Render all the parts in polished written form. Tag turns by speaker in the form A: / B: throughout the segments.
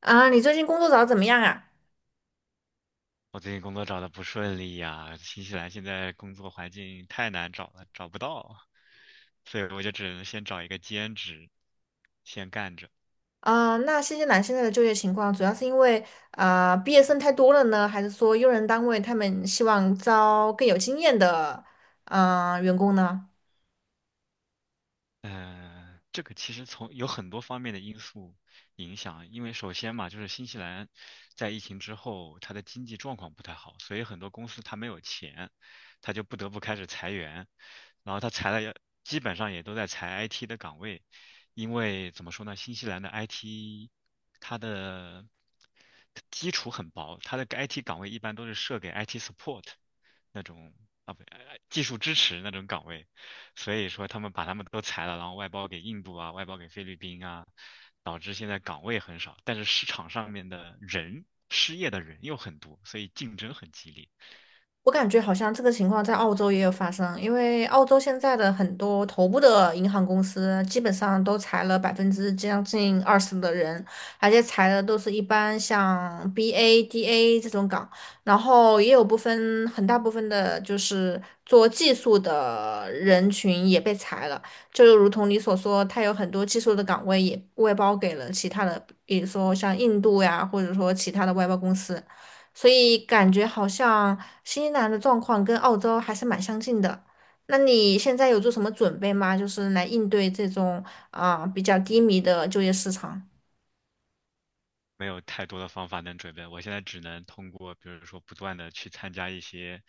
A: 啊，你最近工作找的怎么样啊？
B: 我最近工作找的不顺利呀，新西兰现在工作环境太难找了，找不到，所以我就只能先找一个兼职，先干着。
A: 啊，那新西兰现在的就业情况，主要是因为毕业生太多了呢，还是说用人单位他们希望招更有经验的员工呢？
B: 这个其实从有很多方面的因素影响，因为首先嘛，就是新西兰在疫情之后，它的经济状况不太好，所以很多公司它没有钱，它就不得不开始裁员，然后它裁了也，基本上也都在裁 IT 的岗位，因为怎么说呢，新西兰的 IT 它的基础很薄，它的 IT 岗位一般都是设给 IT support 那种啊不，技术支持那种岗位。所以说他们把他们都裁了，然后外包给印度啊，外包给菲律宾啊，导致现在岗位很少，但是市场上面的人，失业的人又很多，所以竞争很激烈。
A: 我感觉好像这个情况在澳洲也有发生，因为澳洲现在的很多头部的银行公司基本上都裁了将近20%的人，而且裁的都是一般像 BA、DA 这种岗，然后也有部分很大部分的就是做技术的人群也被裁了，就如同你所说，它有很多技术的岗位也外包给了其他的，比如说像印度呀，或者说其他的外包公司。所以感觉好像新西兰的状况跟澳洲还是蛮相近的。那你现在有做什么准备吗？就是来应对这种比较低迷的就业市场。
B: 没有太多的方法能准备，我现在只能通过，比如说不断的去参加一些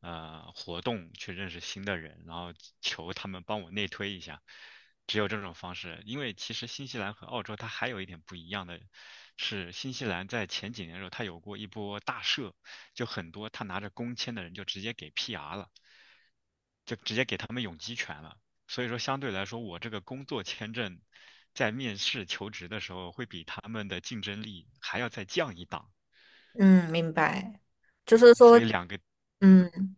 B: 活动，去认识新的人，然后求他们帮我内推一下，只有这种方式。因为其实新西兰和澳洲它还有一点不一样的是，新西兰在前几年的时候，它有过一波大赦，就很多他拿着工签的人就直接给 PR 了。就直接给他们永居权了。所以说，相对来说，我这个工作签证在面试求职的时候，会比他们的竞争力还要再降一档。
A: 嗯，明白。就
B: 对，
A: 是
B: 所
A: 说，
B: 以两个，嗯，
A: 嗯。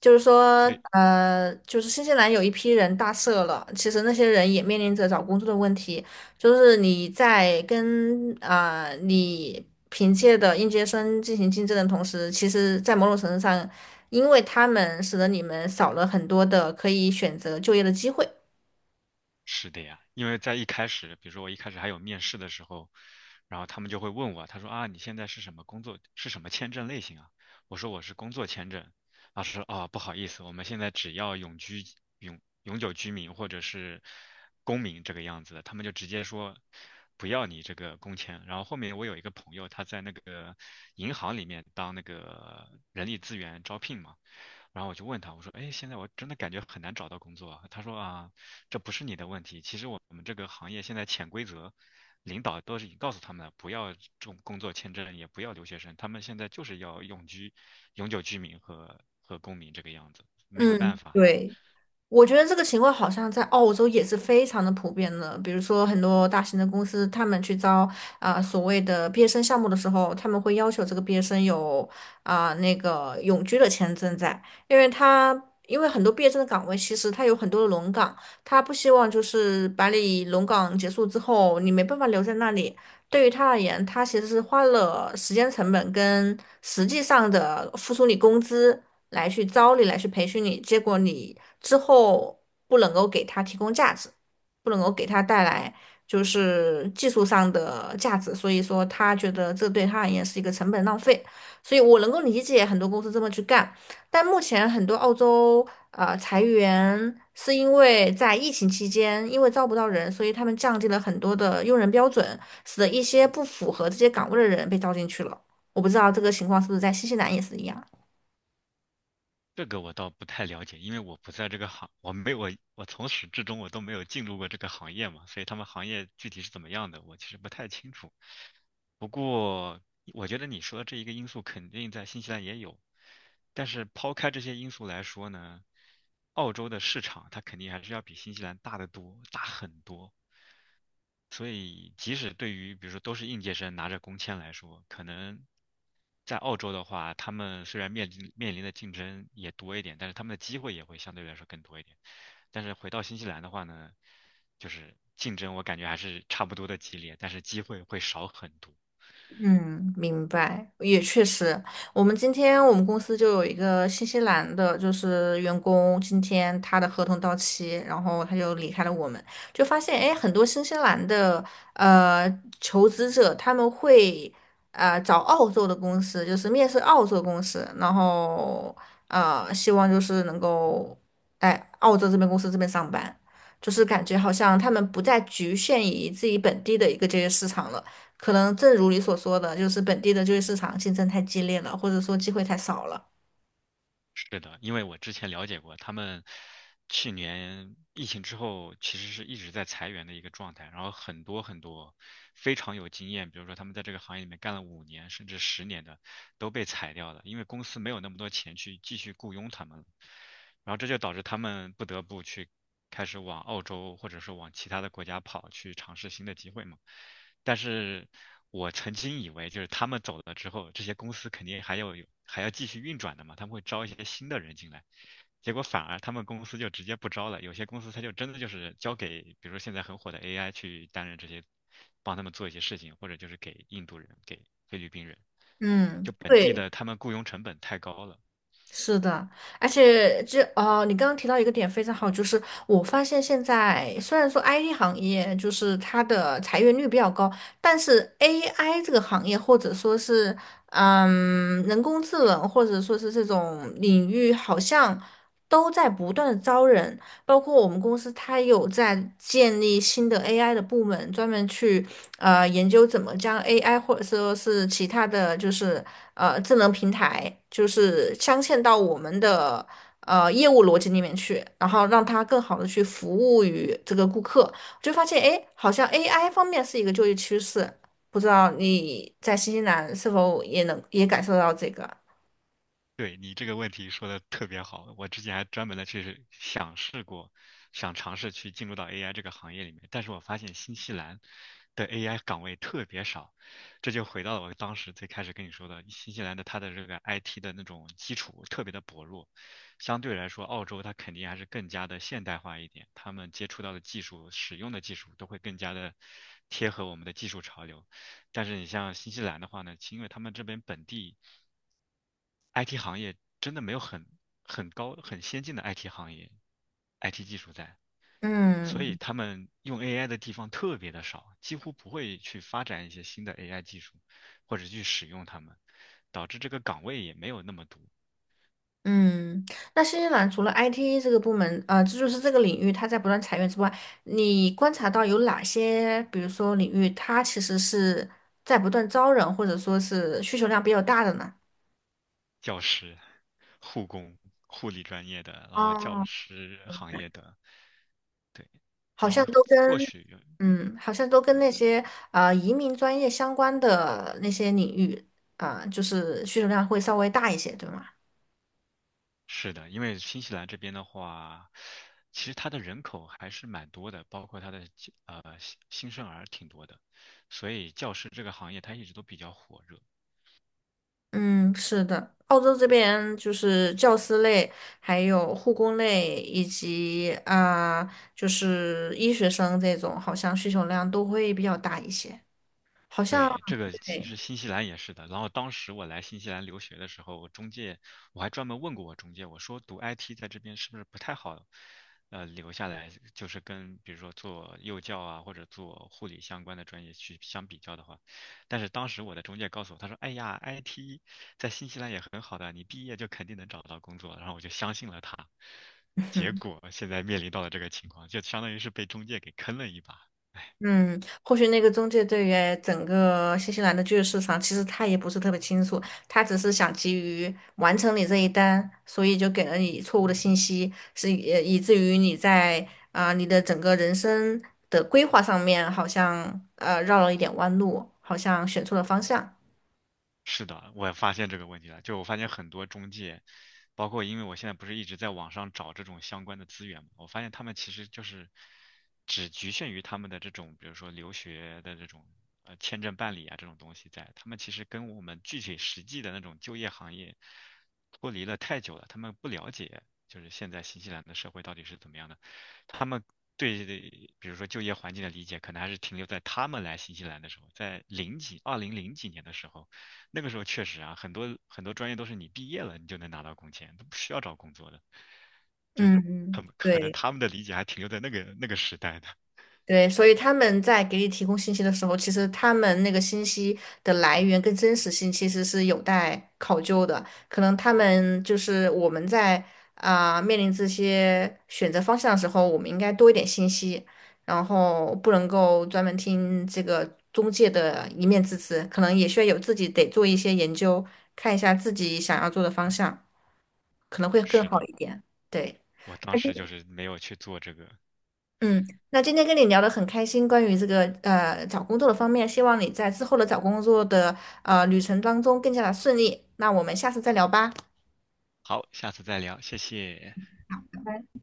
A: 就是说，
B: 所以
A: 就是新西兰有一批人大赦了，其实那些人也面临着找工作的问题。就是你在跟你凭借的应届生进行竞争的同时，其实，在某种程度上，因为他们使得你们少了很多的可以选择就业的机会。
B: 是的呀，因为在一开始，比如说我一开始还有面试的时候，然后他们就会问我，他说啊，你现在是什么工作，是什么签证类型啊？我说我是工作签证。老师说啊，不好意思，我们现在只要永居、永久居民或者是公民这个样子的，他们就直接说不要你这个工签。然后后面我有一个朋友，他在那个银行里面当那个人力资源招聘嘛。然后我就问他，我说，哎，现在我真的感觉很难找到工作啊。他说啊，这不是你的问题。其实我们这个行业现在潜规则，领导都是已经告诉他们了，不要重工作签证，也不要留学生，他们现在就是要永居、永久居民和公民这个样子，没有办
A: 嗯，
B: 法了。
A: 对。我觉得这个情况好像在澳洲也是非常的普遍的。比如说，很多大型的公司，他们去招所谓的毕业生项目的时候，他们会要求这个毕业生有那个永居的签证在，因为他因为很多毕业生的岗位其实他有很多的轮岗，他不希望就是把你轮岗结束之后你没办法留在那里。对于他而言，他其实是花了时间成本跟实际上的付出你工资。来去招你，来去培训你，结果你之后不能够给他提供价值，不能够给他带来就是技术上的价值，所以说他觉得这对他而言是一个成本浪费，所以我能够理解很多公司这么去干，但目前很多澳洲裁员是因为在疫情期间，因为招不到人，所以他们降低了很多的用人标准，使得一些不符合这些岗位的人被招进去了。我不知道这个情况是不是在新西兰也是一样。
B: 这个我倒不太了解，因为我不在这个行，我没我我从始至终我都没有进入过这个行业嘛，所以他们行业具体是怎么样的，我其实不太清楚。不过我觉得你说的这一个因素肯定在新西兰也有，但是抛开这些因素来说呢，澳洲的市场它肯定还是要比新西兰大得多，大很多。所以即使对于比如说都是应届生拿着工签来说，可能在澳洲的话，他们虽然面临的竞争也多一点，但是他们的机会也会相对来说更多一点。但是回到新西兰的话呢，就是竞争我感觉还是差不多的激烈，但是机会会少很多。
A: 嗯，明白，也确实。我们今天我们公司就有一个新西兰的，就是员工，今天他的合同到期，然后他就离开了我们，就发现，哎，很多新西兰的呃求职者他们会找澳洲的公司，就是面试澳洲公司，然后希望就是能够哎澳洲这边公司这边上班，就是感觉好像他们不再局限于自己本地的一个就业市场了。可能正如你所说的，就是本地的就业市场竞争太激烈了，或者说机会太少了。
B: 是的，因为我之前了解过，他们去年疫情之后，其实是一直在裁员的一个状态，然后很多很多非常有经验，比如说他们在这个行业里面干了5年甚至10年的，都被裁掉了，因为公司没有那么多钱去继续雇佣他们了。然后这就导致他们不得不去开始往澳洲或者说往其他的国家跑，去尝试新的机会嘛。但是我曾经以为，就是他们走了之后，这些公司肯定还要有还要继续运转的嘛，他们会招一些新的人进来。结果反而他们公司就直接不招了，有些公司他就真的就是交给，比如说现在很火的 AI 去担任这些，帮他们做一些事情，或者就是给印度人、给菲律宾人，
A: 嗯，
B: 就本地
A: 对，
B: 的他们雇佣成本太高了。
A: 是的，而且就哦，你刚刚提到一个点非常好，就是我发现现在虽然说 IT 行业就是它的裁员率比较高，但是 AI 这个行业或者说是人工智能或者说是这种领域，好像都在不断的招人，包括我们公司它有在建立新的 AI 的部门，专门去研究怎么将 AI 或者说是其他的就是智能平台，就是镶嵌到我们的业务逻辑里面去，然后让它更好的去服务于这个顾客。我就发现，哎，好像 AI 方面是一个就业趋势，不知道你在新西兰是否也能也感受到这个？
B: 对你这个问题说的特别好，我之前还专门的去想试过，想尝试去进入到 AI 这个行业里面，但是我发现新西兰的 AI 岗位特别少，这就回到了我当时最开始跟你说的，新西兰的它的这个 IT 的那种基础特别的薄弱，相对来说，澳洲它肯定还是更加的现代化一点，他们接触到的技术、使用的技术都会更加的贴合我们的技术潮流，但是你像新西兰的话呢，其因为他们这边本地。IT 行业真的没有很高很先进的 IT 行业，IT 技术在，所以
A: 嗯，
B: 他们用 AI 的地方特别的少，几乎不会去发展一些新的 AI 技术，或者去使用它们，导致这个岗位也没有那么多，
A: 嗯，那新西兰除了 IT 这个部门，呃，这就是这个领域它在不断裁员之外，你观察到有哪些，比如说领域它其实是在不断招人，或者说是需求量比较大的呢？
B: 教师、护工、护理专业的，然后教
A: 哦，
B: 师行业的，对，
A: 好
B: 然
A: 像
B: 后
A: 都跟，
B: 或许
A: 嗯，好像都跟那些移民专业相关的那些领域，就是需求量会稍微大一些，对吗？
B: 是的，因为新西兰这边的话，其实它的人口还是蛮多的，包括它的新生儿挺多的，所以教师这个行业它一直都比较火热。
A: 嗯，是的，澳洲这边就是教师类，还有护工类，以及就是医学生这种，好像需求量都会比较大一些。好像
B: 对，这个其
A: 对，
B: 实新西兰也是的。然后当时我来新西兰留学的时候，我中介我还专门问过我中介，我说读 IT 在这边是不是不太好，呃，留下来就是跟比如说做幼教啊或者做护理相关的专业去相比较的话，但是当时我的中介告诉我，他说，哎呀，IT 在新西兰也很好的，你毕业就肯定能找到工作。然后我就相信了他，结果现在面临到了这个情况，就相当于是被中介给坑了一把。
A: 嗯，或许那个中介对于整个新西兰的就业市场，其实他也不是特别清楚，他只是想急于完成你这一单，所以就给了你错误的信息，以至于你在你的整个人生的规划上面，好像绕了一点弯路，好像选错了方向。
B: 是的，我也发现这个问题了。就我发现很多中介，包括因为我现在不是一直在网上找这种相关的资源嘛，我发现他们其实就是只局限于他们的这种，比如说留学的这种签证办理啊这种东西在，他们其实跟我们具体实际的那种就业行业脱离了太久了，他们不了解就是现在新西兰的社会到底是怎么样的，他们。对，比如说就业环境的理解，可能还是停留在他们来新西兰的时候，在零几、200几年的时候，那个时候确实啊，很多很多专业都是你毕业了你就能拿到工签，都不需要找工作的。
A: 嗯嗯，
B: 可能
A: 对。
B: 他们的理解还停留在那个时代的。
A: 对，所以他们在给你提供信息的时候，其实他们那个信息的来源跟真实性其实是有待考究的。可能他们就是我们在面临这些选择方向的时候，我们应该多一点信息，然后不能够专门听这个中介的一面之词，可能也需要有自己得做一些研究，看一下自己想要做的方向，可能会更
B: 是
A: 好
B: 的，
A: 一点。对。
B: 我当时就是没有去做这个。
A: 嗯，那今天跟你聊得很开心，关于这个找工作的方面，希望你在之后的找工作的旅程当中更加的顺利。那我们下次再聊吧。
B: 好，下次再聊，谢谢。
A: 拜拜。